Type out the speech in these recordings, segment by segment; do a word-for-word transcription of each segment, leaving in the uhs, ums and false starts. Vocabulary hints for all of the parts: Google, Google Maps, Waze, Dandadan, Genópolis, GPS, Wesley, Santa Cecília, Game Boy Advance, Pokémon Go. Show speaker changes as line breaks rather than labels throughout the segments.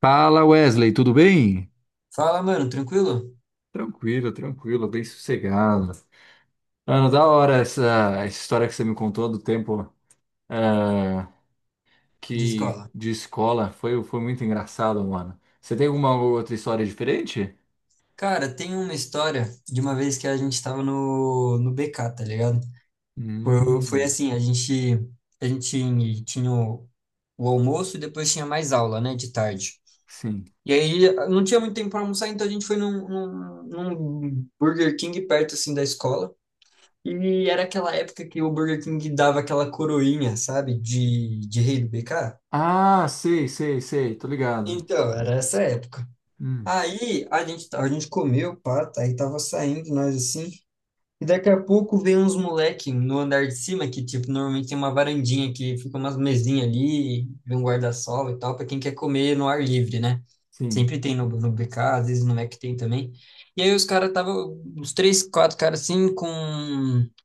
Fala Wesley, tudo bem?
Fala, mano, tranquilo?
Tranquilo, tranquilo, bem sossegado. Mano, da hora essa, essa história que você me contou do tempo eh,
De
que
escola.
de escola foi, foi muito engraçado, mano. Você tem alguma outra história diferente?
Cara, tem uma história de uma vez que a gente tava no, no B K, tá ligado? Foi, foi
Hum,
assim, a gente, a gente tinha o, o almoço e depois tinha mais aula, né, de tarde.
sim.
E aí não tinha muito tempo pra almoçar, então a gente foi num, num, num Burger King perto, assim, da escola. E era aquela época que o Burger King dava aquela coroinha, sabe, de, de rei do B K.
Ah, sei, sei, sei, tô ligado.
Então, era essa época.
Hum,
Aí a gente, a gente comeu, pá, tá, aí tava saindo nós assim. E daqui a pouco vem uns moleque no andar de cima, que, tipo, normalmente tem uma varandinha que fica umas mesinhas ali, vem um guarda-sol e tal, para quem quer comer no ar livre, né?
sim.
Sempre tem no, no B K, às vezes no Mac tem também. E aí os caras estavam, uns três, quatro caras assim, com,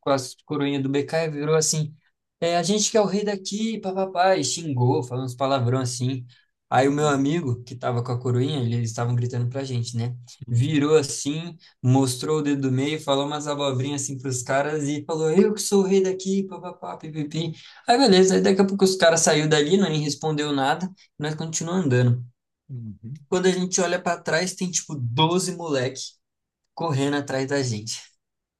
com as coroinhas do B K, e virou assim, é, a gente que é o rei daqui, papapá, e xingou, falou uns palavrão assim. Aí o meu
Hum,
amigo, que tava com a coroinha, ele- eles estavam gritando pra gente, né?
hum,
Virou assim, mostrou o dedo do meio, falou umas abobrinhas assim pros caras e falou, eu que sou o rei daqui, papapá, pipipi. Aí beleza, aí daqui a pouco os caras saiu dali, nem respondeu nada, e nós continuamos andando.
uhum.
Quando a gente olha pra trás, tem tipo doze moleque correndo atrás da gente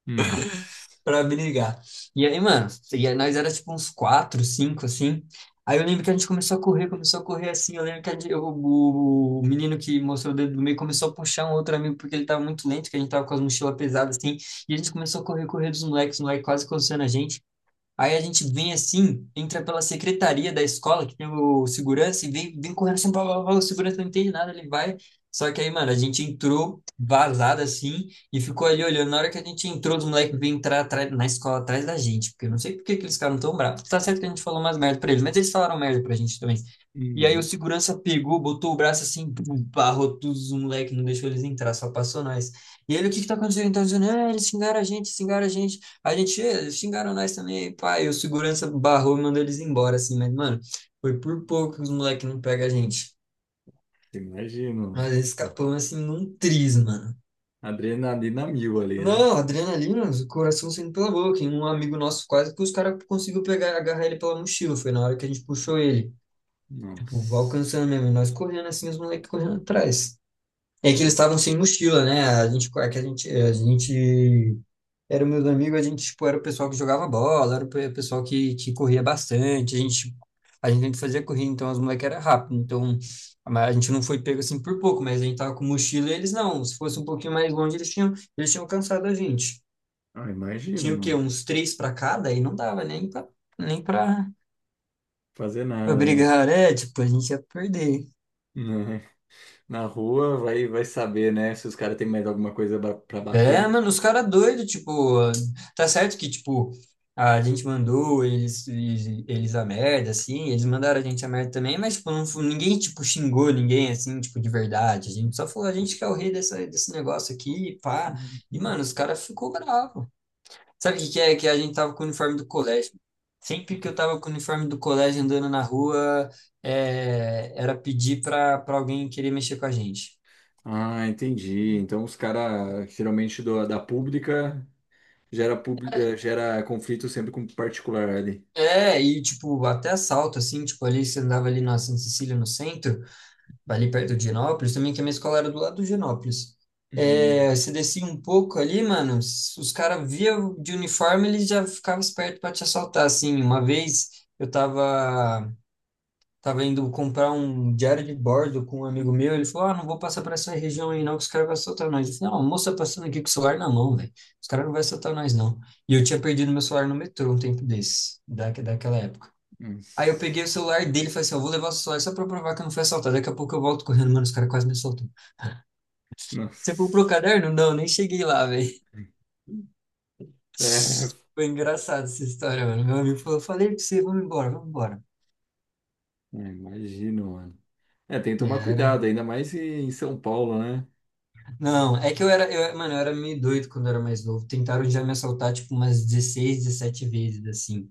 Nossa.
pra brigar. E aí, mano, e aí nós era tipo uns quatro, cinco, assim. Aí eu lembro que a gente começou a correr, começou a correr assim. Eu lembro que a gente- eu- o, o menino que mostrou o dedo do meio começou a puxar um outro amigo porque ele tava muito lento, que a gente tava com as mochilas pesadas assim. E a gente começou a correr, correr dos moleques, os moleques quase coçando a gente. Aí a gente vem assim, entra pela secretaria da escola, que tem o segurança, e vem, vem correndo assim, blá, blá, blá, o segurança não entende nada, ele vai. Só que aí, mano, a gente entrou vazado assim e ficou ali olhando. Na hora que a gente entrou, os moleques vêm entrar atrás- na escola atrás da gente, porque eu não sei por que que eles ficaram tão bravos. Tá certo que a gente falou umas merda pra eles, mas eles falaram merda pra gente também. E aí o
Uhum.
segurança pegou, botou o braço assim, pum, barrou todos os moleques, não deixou eles entrar, só passou nós. E ele, o que que tá acontecendo? Então, dizendo, ah, eles xingaram a gente, xingaram a gente. A gente eh, xingaram nós também, pai. O segurança barrou e mandou eles embora, assim, mas, mano, foi por pouco que os moleques não pegam a gente.
Imagino, mano.
Mas eles escapamos, assim, num tris, mano.
Adrenalina mil ali, né?
Não, adrenalina, o coração saindo pela boca. E um amigo nosso quase que os caras conseguiu pegar, agarrar ele pela mochila. Foi na hora que a gente puxou ele. Tipo,
Nossa.
alcançando mesmo. E nós correndo assim, os moleques correndo atrás. É que eles estavam sem mochila, né? A gente, é que a gente, é, a gente era meus amigos, a gente, tipo, era o pessoal que jogava bola, era o pe- pessoal que, que corria bastante, a gente, a gente sempre fazia corrida, então as moleques eram rápidas, então a ma- a gente não foi pego assim por pouco, mas a gente tava com mochila e eles não, se fosse um pouquinho mais longe eles tinham, eles tinham, cansado a gente.
Ah,
E
imagina,
tinha o quê?
mano.
Uns três pra cada, e não dava nem pra, nem pra,
Fazer
pra
nada, né?
brigar, é, tipo, a gente ia perder.
Né? Na rua vai, vai saber, né? Se os caras têm mais alguma coisa ba- pra
É,
bater.
mano, os caras doidos, tipo, tá certo que, tipo, a gente mandou eles, eles, eles a merda, assim, eles mandaram a gente a merda também, mas, tipo, não, fu- ninguém, tipo, xingou ninguém, assim, tipo, de verdade. A gente só falou, a gente que é o rei dessa, desse negócio aqui, pá. E,
Uhum.
mano, os caras ficou bravo. Sabe o que que é? Que a gente tava com o uniforme do colégio. Sempre que eu tava com o uniforme do colégio andando na rua, é, era pedir pra, pra alguém querer mexer com a gente.
Ah, entendi. Então os caras, geralmente do- da pública, gera, pub- eh, gera conflito sempre com particular ali.
É, e tipo, até assalto, assim, tipo, ali você andava ali na Santa Cecília no centro, ali perto de Genópolis, também que a minha escola era do lado de Genópolis.
Hum.
É, você descia um pouco ali, mano, s- os caras via de uniforme, eles já ficavam espertos pra te assaltar, assim. Uma vez eu tava, tava indo comprar um diário de bordo com um amigo meu, ele falou, ah, não vou passar por essa região aí não, que os caras vão assaltar nós. Eu falei, não, a moça tá passando aqui com o celular na mão, velho, os caras não vão assaltar nós não. E eu tinha perdido meu celular no metrô um tempo desse da, daquela época. Aí eu
Nossa.
peguei o celular dele e falei assim, eu vou levar o celular só pra provar que eu não fui assaltado. Daqui a pouco eu volto correndo, mano, os caras quase me assaltam. Você comprou o
Nossa.
caderno? Não, nem cheguei lá, velho.
É,
Foi engraçado essa história, mano. Meu amigo falou, falei pra você, vamos embora, vamos embora.
é, imagino, mano. É, tem que tomar
Era.
cuidado, ainda mais em em São Paulo, né?
Não, é que eu era, eu, mano, eu era meio doido quando eu era mais novo. Tentaram já me assaltar, tipo, umas dezesseis, dezessete vezes, assim.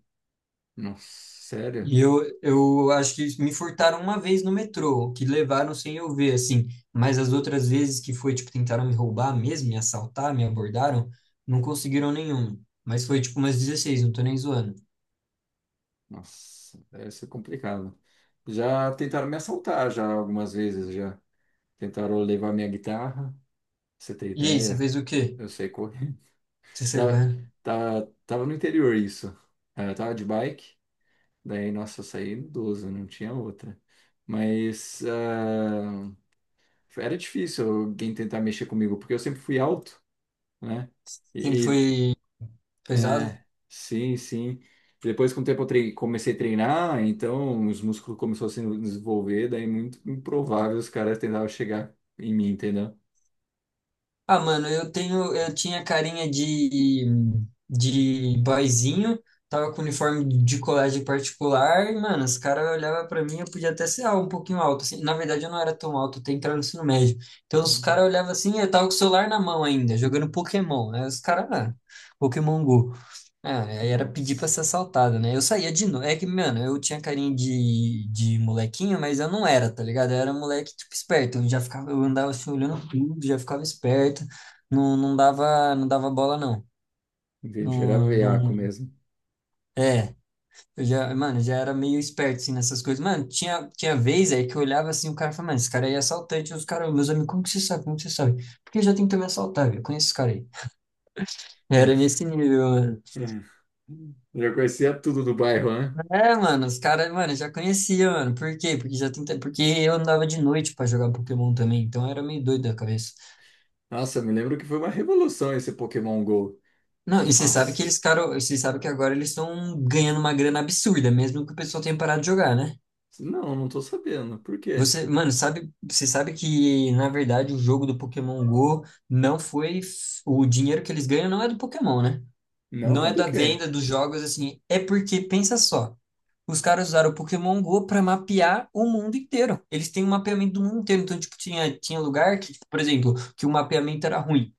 Nossa, sério?
E eu, eu acho que me furtaram uma vez no metrô, que levaram sem eu ver, assim. Mas as outras vezes que foi, tipo, tentaram me roubar mesmo, me assaltar, me abordaram, não conseguiram nenhuma. Mas foi, tipo, umas dezesseis, não tô nem zoando.
Nossa, deve ser complicado. Já tentaram me assaltar já algumas vezes, já. Tentaram levar minha guitarra, pra você ter
E aí, você
ideia.
fez o quê?
Eu sei correr.
Você saiu
Tá,
correndo?
tá, tava no interior isso. Ah, eu tava de bike, daí, nossa, eu saí idoso, não tinha outra. Mas ah, era difícil alguém tentar mexer comigo, porque eu sempre fui alto, né?
Sempre
E,
foi pesado?
é, sim, sim. Depois, com o tempo, eu trei- comecei a treinar, então os músculos começaram a se desenvolver, daí muito improvável os caras tentavam chegar em mim, entendeu?
Ah, mano, eu tenho, eu tinha carinha de, de, boyzinho, tava com uniforme de colégio particular, e, mano, os caras olhavam pra mim, eu podia até ser ah, um pouquinho alto, assim. Na verdade, eu não era tão alto, eu tenho entrado no ensino médio. Então, os
Hum.
caras olhavam assim, eu tava com o celular na mão ainda, jogando Pokémon, né? Os caras, ah, Pokémon Go. Ah, aí era pedir pra
Nossa,
ser assaltado, né? Eu saía de noite. É que, mano, eu tinha carinho de, de molequinho, mas eu não era, tá ligado? Eu era moleque, tipo, esperto. Eu já ficava, eu andava assim, olhando tudo, já ficava esperto. Não, não dava, não dava bola, não.
entendi, era
Não,
veaco
não...
mesmo.
É, eu já, mano, já era meio esperto, assim, nessas coisas. Mano, tinha, tinha vez aí que eu olhava assim, o cara falava, mano, esse cara aí é assaltante. Os caras, meus amigos, como que você sabe? Como que você sabe? Porque já tentou me assaltar, velho. Eu Conheço esse cara aí. Era nesse nível, mano.
É. Já conhecia tudo do bairro, né?
É, mano, os caras, mano, eu já conhecia, mano. Por quê? Porque já tenta... porque eu andava de noite pra jogar Pokémon também, então era meio doido da cabeça.
Nossa, me lembro que foi uma revolução esse Pokémon Go.
Não, e você sabe que
Nossa,
eles, cara, você sabe que agora eles estão ganhando uma grana absurda, mesmo que o pessoal tenha parado de jogar, né?
não, não tô sabendo. Por quê?
Você, mano, sabe, você sabe que na verdade o jogo do Pokémon Go não foi f- o dinheiro que eles ganham não é do Pokémon, né?
Não
Não
é
é
do
da
quê?
venda dos jogos assim, é porque pensa só. Os caras usaram o Pokémon Go para mapear o mundo inteiro. Eles têm um mapeamento do mundo inteiro. Então, tipo, tinha, tinha lugar que, tipo, por exemplo, que o mapeamento era ruim.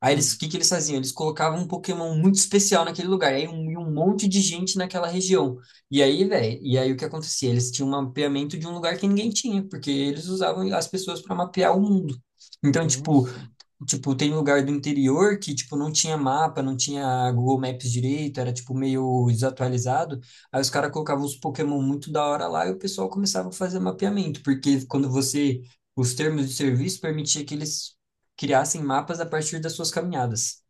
Aí eles, o
Hum.
que que eles faziam? Eles colocavam um Pokémon muito especial naquele lugar, aí um, e um monte de gente naquela região. E aí, velho, e aí o que acontecia? Eles tinham um mapeamento de um lugar que ninguém tinha, porque eles usavam as pessoas para mapear o mundo. Então, tipo,
Nossa,
Tipo, tem lugar do interior que, tipo, não tinha mapa, não tinha Google Maps direito, era, tipo, meio desatualizado. Aí os caras colocavam os Pokémon muito da hora lá e o pessoal começava a fazer mapeamento, porque quando você... Os termos de serviço permitia que eles criassem mapas a partir das suas caminhadas.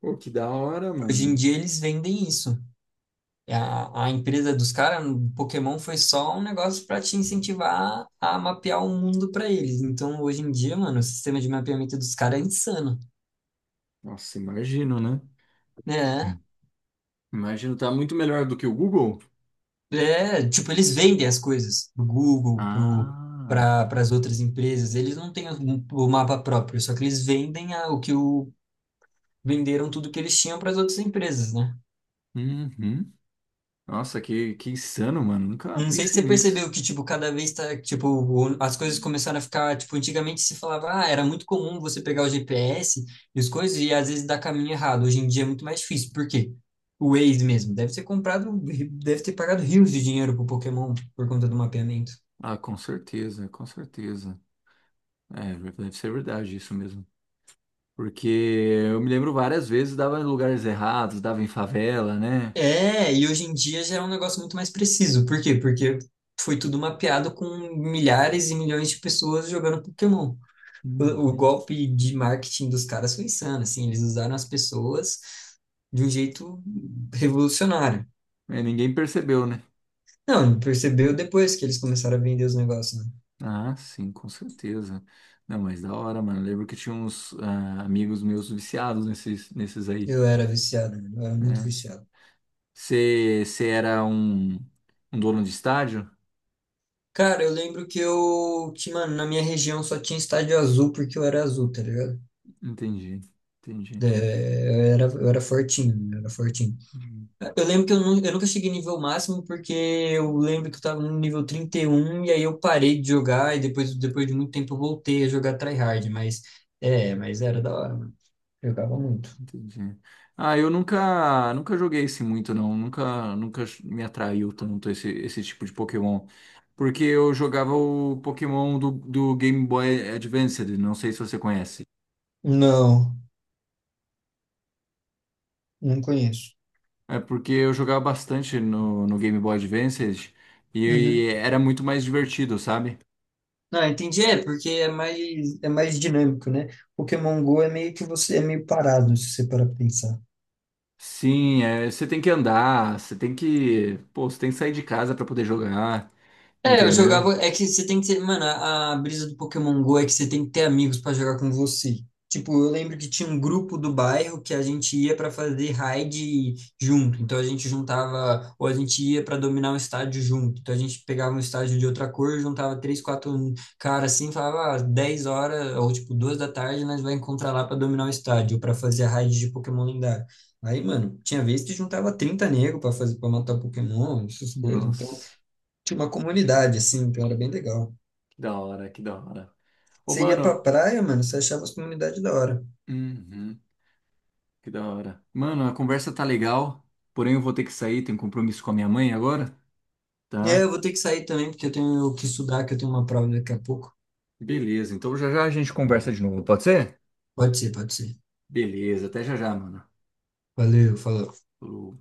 pô, que da hora,
Hoje em
mano.
dia eles vendem isso. A, a empresa dos caras, o Pokémon foi só um negócio para te incentivar a mapear o mundo para eles. Então, hoje em dia, mano, o sistema de mapeamento dos caras é insano.
Nossa, imagino, né?
Né?
Imagino, tá muito melhor do que o Google?
É, tipo, eles vendem as coisas pro Google, pro,
Ah,
para as outras empresas. Eles não têm o, o mapa próprio, só que eles vendem a- o que o, venderam tudo que eles tinham para as outras empresas, né?
uhum. Nossa, que, que insano, mano. Nunca
Não sei se você
pensei nisso.
percebeu que, tipo, cada vez tá, tipo, o- as coisas começaram a ficar, tipo, antigamente se falava, ah, era muito comum você pegar o G P S e as coisas e às vezes dar caminho errado. Hoje em dia é muito mais difícil. Por quê? O Waze mesmo deve ter comprado, deve ter pagado rios de dinheiro pro Pokémon por conta do mapeamento.
Ah, com certeza, com certeza. É, deve ser verdade isso mesmo. Porque eu me lembro várias vezes, dava em lugares errados, dava em favela, né?
É, e hoje em dia já é um negócio muito mais preciso. Por quê? Porque foi tudo mapeado com milhares e milhões de pessoas jogando Pokémon. O, o
Uhum.
golpe de marketing dos caras foi insano, assim, eles usaram as pessoas de um jeito revolucionário.
É, ninguém percebeu, né?
Não, percebeu depois que eles começaram a vender os negócios, né?
Ah, sim, com certeza. Não, mas da hora, mano. Eu lembro que tinha uns ah, amigos meus viciados nesses, nesses, aí,
Eu era viciado, mano, eu era muito
né?
viciado.
Você era um, um dono de estádio?
Cara, eu lembro que eu, que, mano, na minha região só tinha estádio azul porque eu era azul, tá ligado?
Entendi, entendi,
É, eu era, eu era, fortinho, eu era fortinho.
hum,
Eu lembro que eu, nu- eu nunca cheguei no nível máximo, porque eu lembro que eu tava no nível trinta e um e um, e aí eu parei de jogar e depois, depois de muito tempo eu voltei a jogar tryhard, mas é, mas era da hora, mano. Jogava muito.
entendi. Ah, eu nunca, nunca joguei esse muito não, nunca, nunca me atraiu tanto esse, esse tipo de Pokémon, porque eu jogava o Pokémon do, do Game Boy Advance, não sei se você conhece.
Não, não conheço.
É porque eu jogava bastante no, no Game Boy Advance
Uhum.
e era muito mais divertido, sabe?
Não, entendi, é porque é mais é mais dinâmico, né? Pokémon Go é meio que você é meio parado se você parar pra pensar.
Sim, é, você tem que andar, você tem que, pô, você tem que sair de casa pra poder jogar,
É, eu
entendeu?
jogava. É que você tem que ter. Mano, a, a brisa do Pokémon Go é que você tem que ter amigos pra jogar com você. Tipo, eu lembro que tinha um grupo do bairro que a gente ia pra fazer raid junto. Então a gente juntava. Ou a gente ia pra dominar um estádio junto. Então a gente pegava um estádio de outra cor, juntava três, quatro caras assim, falava, ah, dez horas, ou tipo, duas da tarde, nós vai encontrar lá pra dominar o estádio, ou pra fazer a raid de Pokémon lendário. Aí, mano, tinha vez que juntava trinta negros pra fazer, para matar Pokémon, essas coisas. Então.
Nossa,
Tinha uma comunidade, assim, então era bem legal.
que da hora, que da hora. Ô,
Você ia pra
mano,
praia, mano, você achava as comunidades da hora.
uhum, que da hora. Mano, a conversa tá legal, porém eu vou ter que sair, tenho um compromisso com a minha mãe agora,
É,
tá?
eu vou ter que sair também, porque eu tenho que estudar, que eu tenho uma prova daqui a pouco.
Beleza, então já já a gente conversa de novo, pode ser?
Pode ser, pode ser.
Beleza, até já já, mano.
Valeu, falou.
Falou.